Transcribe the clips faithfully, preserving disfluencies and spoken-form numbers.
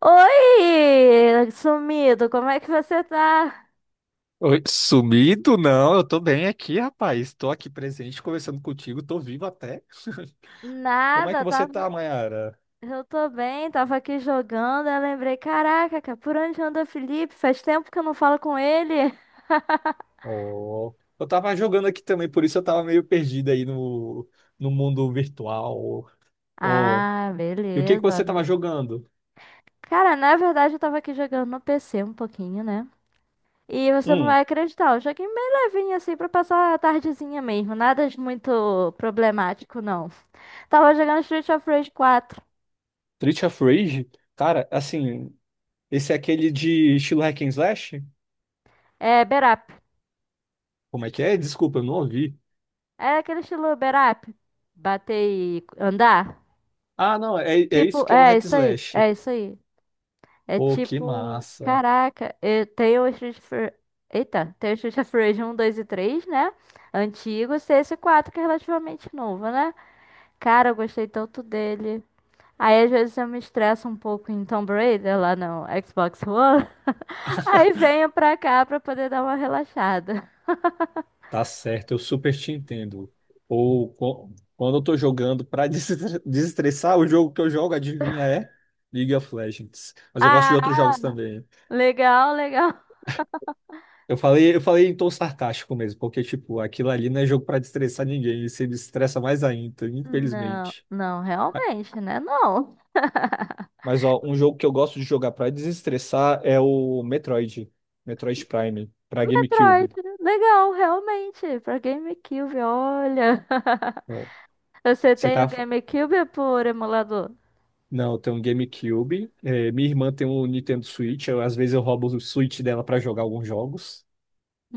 Oi, sumido, como é que você tá? Oi, sumido? Não, eu tô bem aqui, rapaz. Tô aqui presente, conversando contigo, tô vivo até. Como é que Nada, você tava... tá, Mayara? Eu tô bem, tava aqui jogando, eu lembrei, caraca, cara, por onde anda o Felipe? Faz tempo que eu não falo com ele. Oh, eu tava jogando aqui também, por isso eu tava meio perdido aí no, no mundo virtual. Oh, Ah, e o que que beleza. você tava jogando? Cara, na verdade eu tava aqui jogando no P C um pouquinho, né? E você não Hum. vai acreditar, eu joguei bem levinho assim pra passar a tardezinha mesmo, nada de muito problemático não. Tava jogando Street of Rage quatro, Street of Rage? Cara, assim, esse é aquele de estilo hack and slash? é, Berap. Como é que é? Desculpa, eu não ouvi. É aquele estilo berap. Bater e andar. Ah, não, é, é isso Tipo, que é o é hack isso aí. slash. É isso aí. É Pô, que tipo, massa. caraca, eu tenho o Street of Rage- Eita, tem o Street of Rage um, dois e três, né? Antigo, cs quatro, que é relativamente novo, né? Cara, eu gostei tanto dele. Aí às vezes eu me estresso um pouco em Tomb Raider lá no Xbox One. Aí venho pra cá pra poder dar uma relaxada. Tá certo, eu super te entendo. Ou co- quando eu tô jogando pra des- desestressar, o jogo que eu jogo, adivinha, é League of Legends. Mas eu gosto de outros Ah, jogos também. legal, legal. Eu falei, eu falei em tom sarcástico mesmo, porque, tipo, aquilo ali não é jogo pra desestressar ninguém, e se desestressa mais ainda, Não, infelizmente. não, Ah. realmente, né? Não. Mas, ó, um jogo que eu gosto de jogar pra desestressar é o Metroid, Metroid Prime, pra Metroid, GameCube. legal, realmente, pra GameCube, olha. Ó. Você Você tem o tá. GameCube por emulador? Não, eu tenho um GameCube. É, minha irmã tem um Nintendo Switch. Eu, às vezes eu roubo o Switch dela para jogar alguns jogos.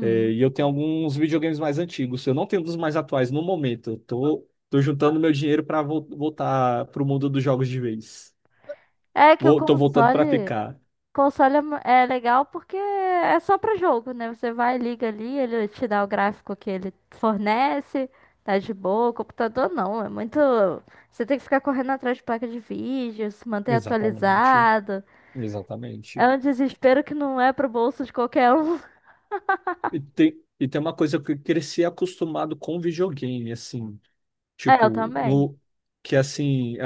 É, e eu tenho alguns videogames mais antigos. Eu não tenho um dos mais atuais no momento. Eu tô, tô juntando meu dinheiro para voltar pro mundo dos jogos de vez. É que o Vou, tô voltando para console, ficar. console é mu- é legal porque é só pra jogo, né? Você vai, liga ali, ele te dá o gráfico que ele fornece, tá de boa. O computador não, é muito. Você tem que ficar correndo atrás de placa de vídeo, se manter Exatamente. atualizado. É Exatamente. um desespero que não é pro bolso de qualquer um. E tem, e tem uma coisa que eu cresci acostumado com videogame, assim. É, eu Tipo, também. no, Que assim.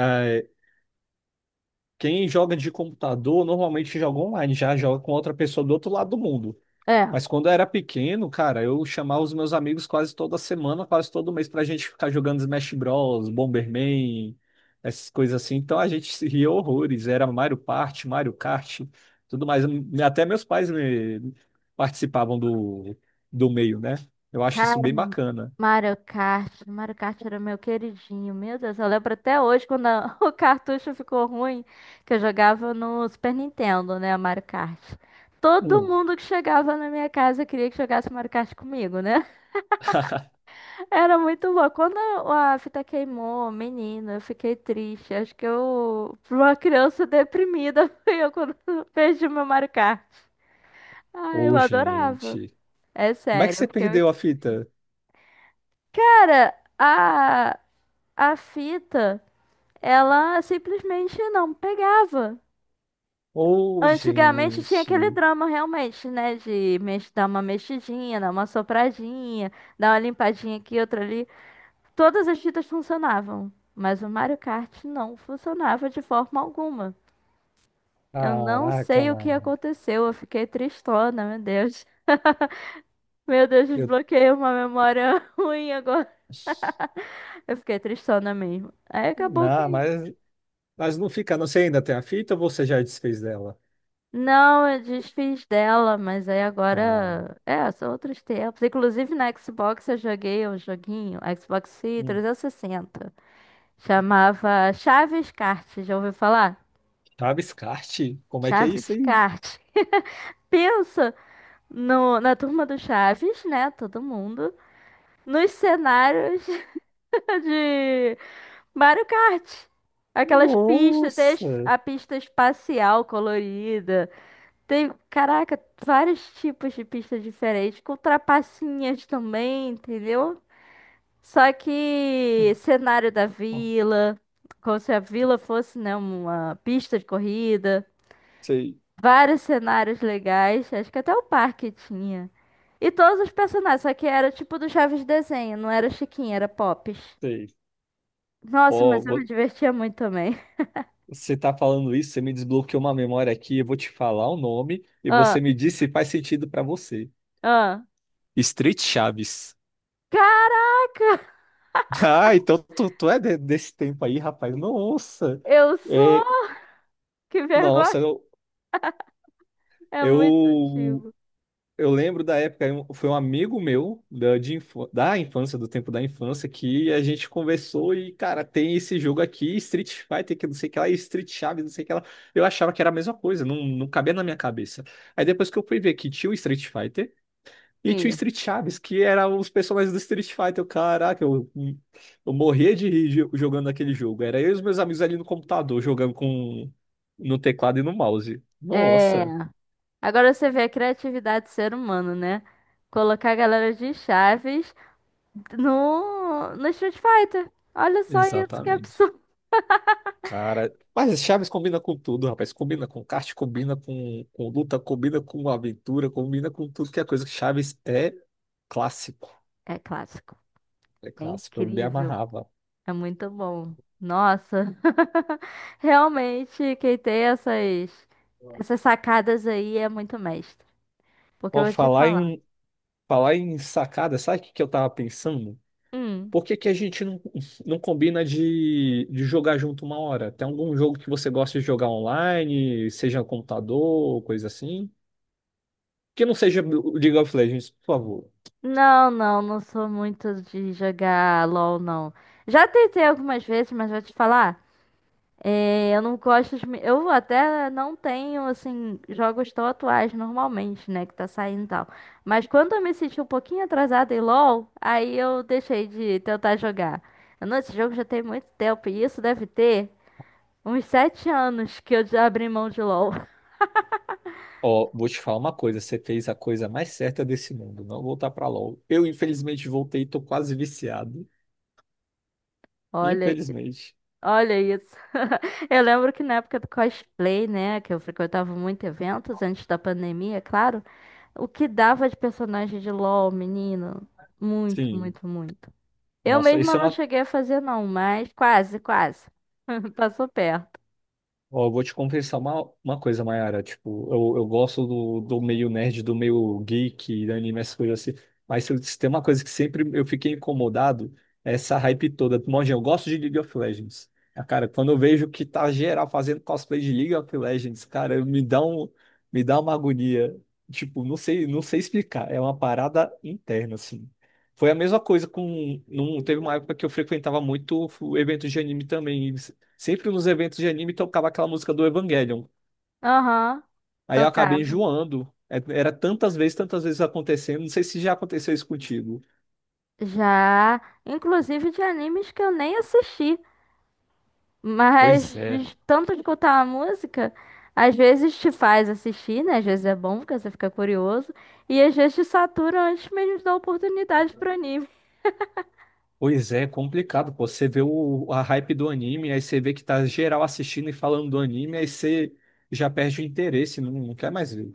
Quem joga de computador normalmente joga online, já joga com outra pessoa do outro lado do mundo. É. Mas quando eu era pequeno, cara, eu chamava os meus amigos quase toda semana, quase todo mês, pra gente ficar jogando Smash Bros, Bomberman, essas coisas assim. Então a gente se ria horrores. Era Mario Party, Mario Kart, tudo mais. Até meus pais me- Participavam do, do meio, né? Eu acho isso Cara, bem bacana. Mario Kart. Mario Kart era meu queridinho. Meu Deus, eu lembro até hoje quando a- o cartucho ficou ruim, que eu jogava no Super Nintendo, né, Mario Kart. Todo Hum. mundo que chegava na minha casa queria que jogasse Mario Kart comigo, né? Era muito bom. Quando a fita queimou, menina, eu fiquei triste. Acho que eu, pra uma criança deprimida, fui eu quando perdi meu Mario Kart. Ah, eu Ô, adorava. gente. É Como é que sério, você porque perdeu muito. a fita? Cara, a A fita, ela simplesmente não pegava. Ô, Antigamente tinha gente. aquele drama realmente, né? De mex- dar uma mexidinha, dar uma sopradinha, dar uma limpadinha aqui, outra ali. Todas as fitas funcionavam, mas o Mario Kart não funcionava de forma alguma. Eu não Caraca, sei o que mano. aconteceu, eu fiquei tristona, meu Deus. Meu Deus, Eu... desbloqueei uma memória ruim agora. Eu fiquei tristona mesmo. Aí acabou Não, que... mas, mas não fica. Não sei, ainda tem a fita ou você já desfez dela? Não, eu desfiz dela, mas aí Ah, agora. É, são outros tempos. Inclusive na Xbox eu joguei um joguinho, Xbox hum. três sessenta. Chamava Chaves Kart, já ouviu falar? Chaves Kart? Como é que é isso Chaves aí? Kart. Pensa no, na turma do Chaves, né? Todo mundo. Nos cenários de Mario Kart. Aquelas pistas, tem as- Nossa! a pista espacial colorida. Tem, caraca, vários tipos de pista diferentes, com trapacinhas também, entendeu? Só que cenário da vila, como se a vila fosse, né, uma pista de corrida, Sei, vários cenários legais, acho que até o parque tinha. E todos os personagens, só que era tipo do Chaves desenho, não era Chiquinha, era Pops. sei. Nossa, Ó, mas eu me vo- divertia muito também. você tá falando isso, você me desbloqueou uma memória aqui, eu vou te falar o nome e Ah, você me diz se faz sentido pra você. ah. Street Chaves. Cara, Ah, então tu, tu é de- desse tempo aí, rapaz. Nossa! eu sou! É, Que vergonha! nossa, eu, É muito eu antigo. eu lembro da época, um- foi um amigo meu da, de infância, da infância, do tempo da infância, que a gente conversou e, cara, tem esse jogo aqui, Street Fighter, que não sei o que lá, e Street Chaves, não sei o que lá. Eu achava que era a mesma coisa, não, não cabia na minha cabeça. Aí depois que eu fui ver que tinha o Street Fighter e tinha o Isso. Street Chaves, que eram os personagens do Street Fighter, eu, caraca, eu, hum, eu morria de rir jo- jogando aquele jogo. Era eu e os meus amigos ali no computador, jogando com no teclado e no mouse. É. Nossa, Agora você vê a criatividade do ser humano, né? Colocar a galera de Chaves no, no Street Fighter. Olha só isso, que exatamente. absurdo. Cara, mas Chaves combina com tudo, rapaz. Combina com kart, combina com, com luta, combina com aventura, combina com tudo que é coisa. Chaves é clássico. É clássico. É É clássico. Eu me incrível. amarrava. É muito bom. Nossa. Realmente, quem tem essas, essas sacadas aí é muito mestre. Porque eu Ó, vou te falar falar. em, falar em sacada, sabe o que, que eu tava pensando? Hum. Por que, que a gente não, não combina de, de jogar junto uma hora? Tem algum jogo que você gosta de jogar online, seja computador, coisa assim? Que não seja o League of Legends, por favor. Não, não, não sou muito de jogar LOL, não. Já tentei algumas vezes, mas vou te falar. É, eu não gosto de... Eu até não tenho, assim, jogos tão atuais normalmente, né? Que tá saindo e tal. Mas quando eu me senti um pouquinho atrasada em LoL, aí eu deixei de tentar jogar. Eu, Não, esse jogo já tem muito tempo. E isso deve ter uns sete anos que eu já abri mão de LoL. Ó, vou te falar uma coisa, você fez a coisa mais certa desse mundo, não voltar pra LoL. Eu, infelizmente, voltei, tô quase viciado. Olha, Infelizmente. olha isso. Eu lembro que na época do cosplay, né? Que eu frequentava muito eventos antes da pandemia, é claro. O que dava de personagem de LoL, menino? Muito, Sim. muito, muito. Eu Nossa, mesma isso é não uma. cheguei a fazer, não, mas quase, quase. Passou perto. Ó, eu vou te confessar uma, uma coisa, Mayara. Tipo, eu, eu gosto do, do meio nerd, do meio geek, da anime, essas coisas assim. Mas se eu- se tem uma coisa que sempre eu fiquei incomodado, é essa hype toda. Mojinho, eu gosto de League of Legends. Ah, cara, quando eu vejo que tá geral fazendo cosplay de League of Legends, cara, eu me dá um, me dá uma agonia. Tipo, não sei, não sei explicar. É uma parada interna, assim. Foi a mesma coisa com. Num, teve uma época que eu frequentava muito eventos de anime também. Sempre nos eventos de anime tocava aquela música do Evangelion. Aham, Aí eu acabei tocava. enjoando. É- Era tantas vezes, tantas vezes acontecendo. Não sei se já aconteceu isso contigo. Já, inclusive de animes que eu nem assisti, mas Pois é. de tanto de escutar a música, às vezes te faz assistir, né? Às vezes é bom, porque você fica curioso, e às vezes te satura antes mesmo de dar oportunidade pro anime. Pois é, é complicado, pô. Você vê o, a hype do anime, aí você vê que tá geral assistindo e falando do anime, aí você já perde o interesse, não, não quer mais ver.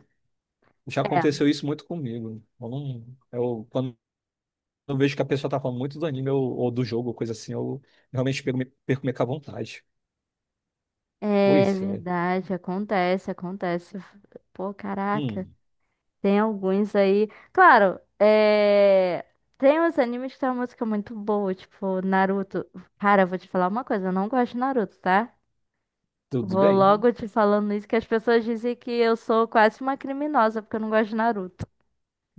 Já aconteceu isso muito comigo. Eu, não- eu- Quando eu vejo que a pessoa tá falando muito do anime ou, ou do jogo, ou coisa assim, eu realmente perco, perco meio que a vontade. É Pois é. verdade, acontece, acontece. Pô, caraca. Hum, Tem alguns aí. Claro, é... tem uns animes que tem uma música muito boa, tipo Naruto. Cara, eu vou te falar uma coisa, eu não gosto de Naruto, tá? tudo Vou bem? logo te falando isso, que as pessoas dizem que eu sou quase uma criminosa porque eu não gosto de Naruto.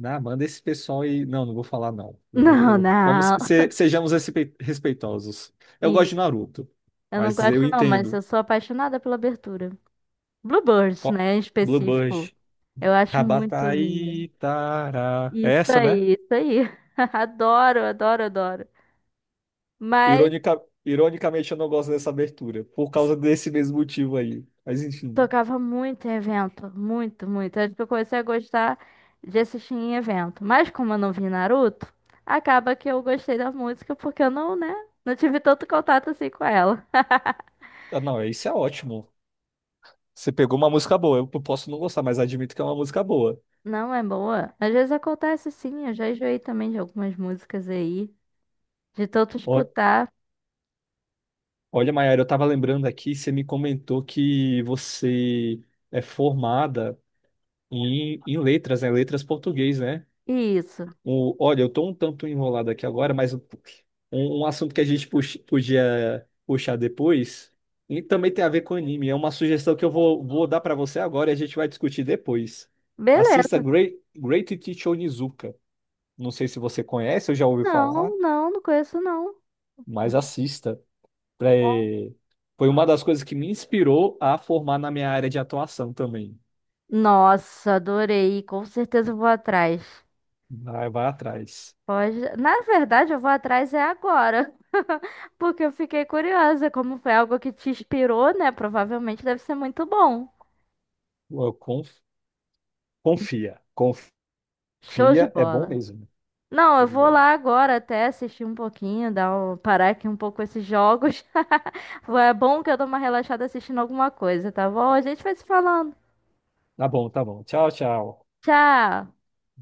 Ah, manda esse pessoal e. Não, não vou falar, não. Eu- Não, eu- Vamos, não. se- sejamos respe- respeitosos. Eu gosto de E Naruto, eu não mas eu gosto não, mas eu entendo. sou apaixonada pela abertura. Bluebirds, Ó, né, em específico. Bluebird. Eu acho muito linda. Rabataitara. É Isso essa, né? aí, isso aí. Adoro, adoro, adoro. Mas Ironica- ironicamente, eu não gosto dessa abertura, por causa desse mesmo motivo aí. Mas enfim. tocava muito em evento, muito, muito. Antes que eu comecei a gostar de assistir em evento. Mas como eu não vi Naruto, acaba que eu gostei da música porque eu não, né, não tive tanto contato assim com ela. Ah, não, isso é ótimo. Você pegou uma música boa. Eu posso não gostar, mas admito que é uma música boa. Não é boa? Às vezes acontece sim, eu já enjoei também de algumas músicas aí, de tanto Ó- escutar. Olha, Mayara, eu tava lembrando aqui, você me comentou que você é formada. E, e letras, né? Letras português, né? Isso. O, olha, eu tô um tanto enrolado aqui agora, mas um, um assunto que a gente pux- podia puxar depois, e também tem a ver com anime. É uma sugestão que eu vou, vou dar pra você agora e a gente vai discutir depois. Assista Beleza. Great, Great Teacher Onizuka. Não sei se você conhece ou já ouviu falar, Não, não, não conheço não. mas Vou- assista. É. Foi uma das coisas que me inspirou a formar na minha área de atuação também. Nossa, adorei. Com certeza eu vou atrás. Vai, vai atrás. Pode. Na verdade, eu vou atrás é agora. Porque eu fiquei curiosa, como foi algo que te inspirou, né? Provavelmente deve ser muito bom. Eu conf- Confia. Confia. Show de Fia é bom bola. mesmo. Né? Não, Foi eu de vou bola. lá agora até assistir um pouquinho, dar um- parar aqui um pouco esses jogos. É bom que eu dou uma relaxada assistindo alguma coisa, tá bom? A gente vai se falando. Tá bom, tá bom. Tchau, tchau. Tchau!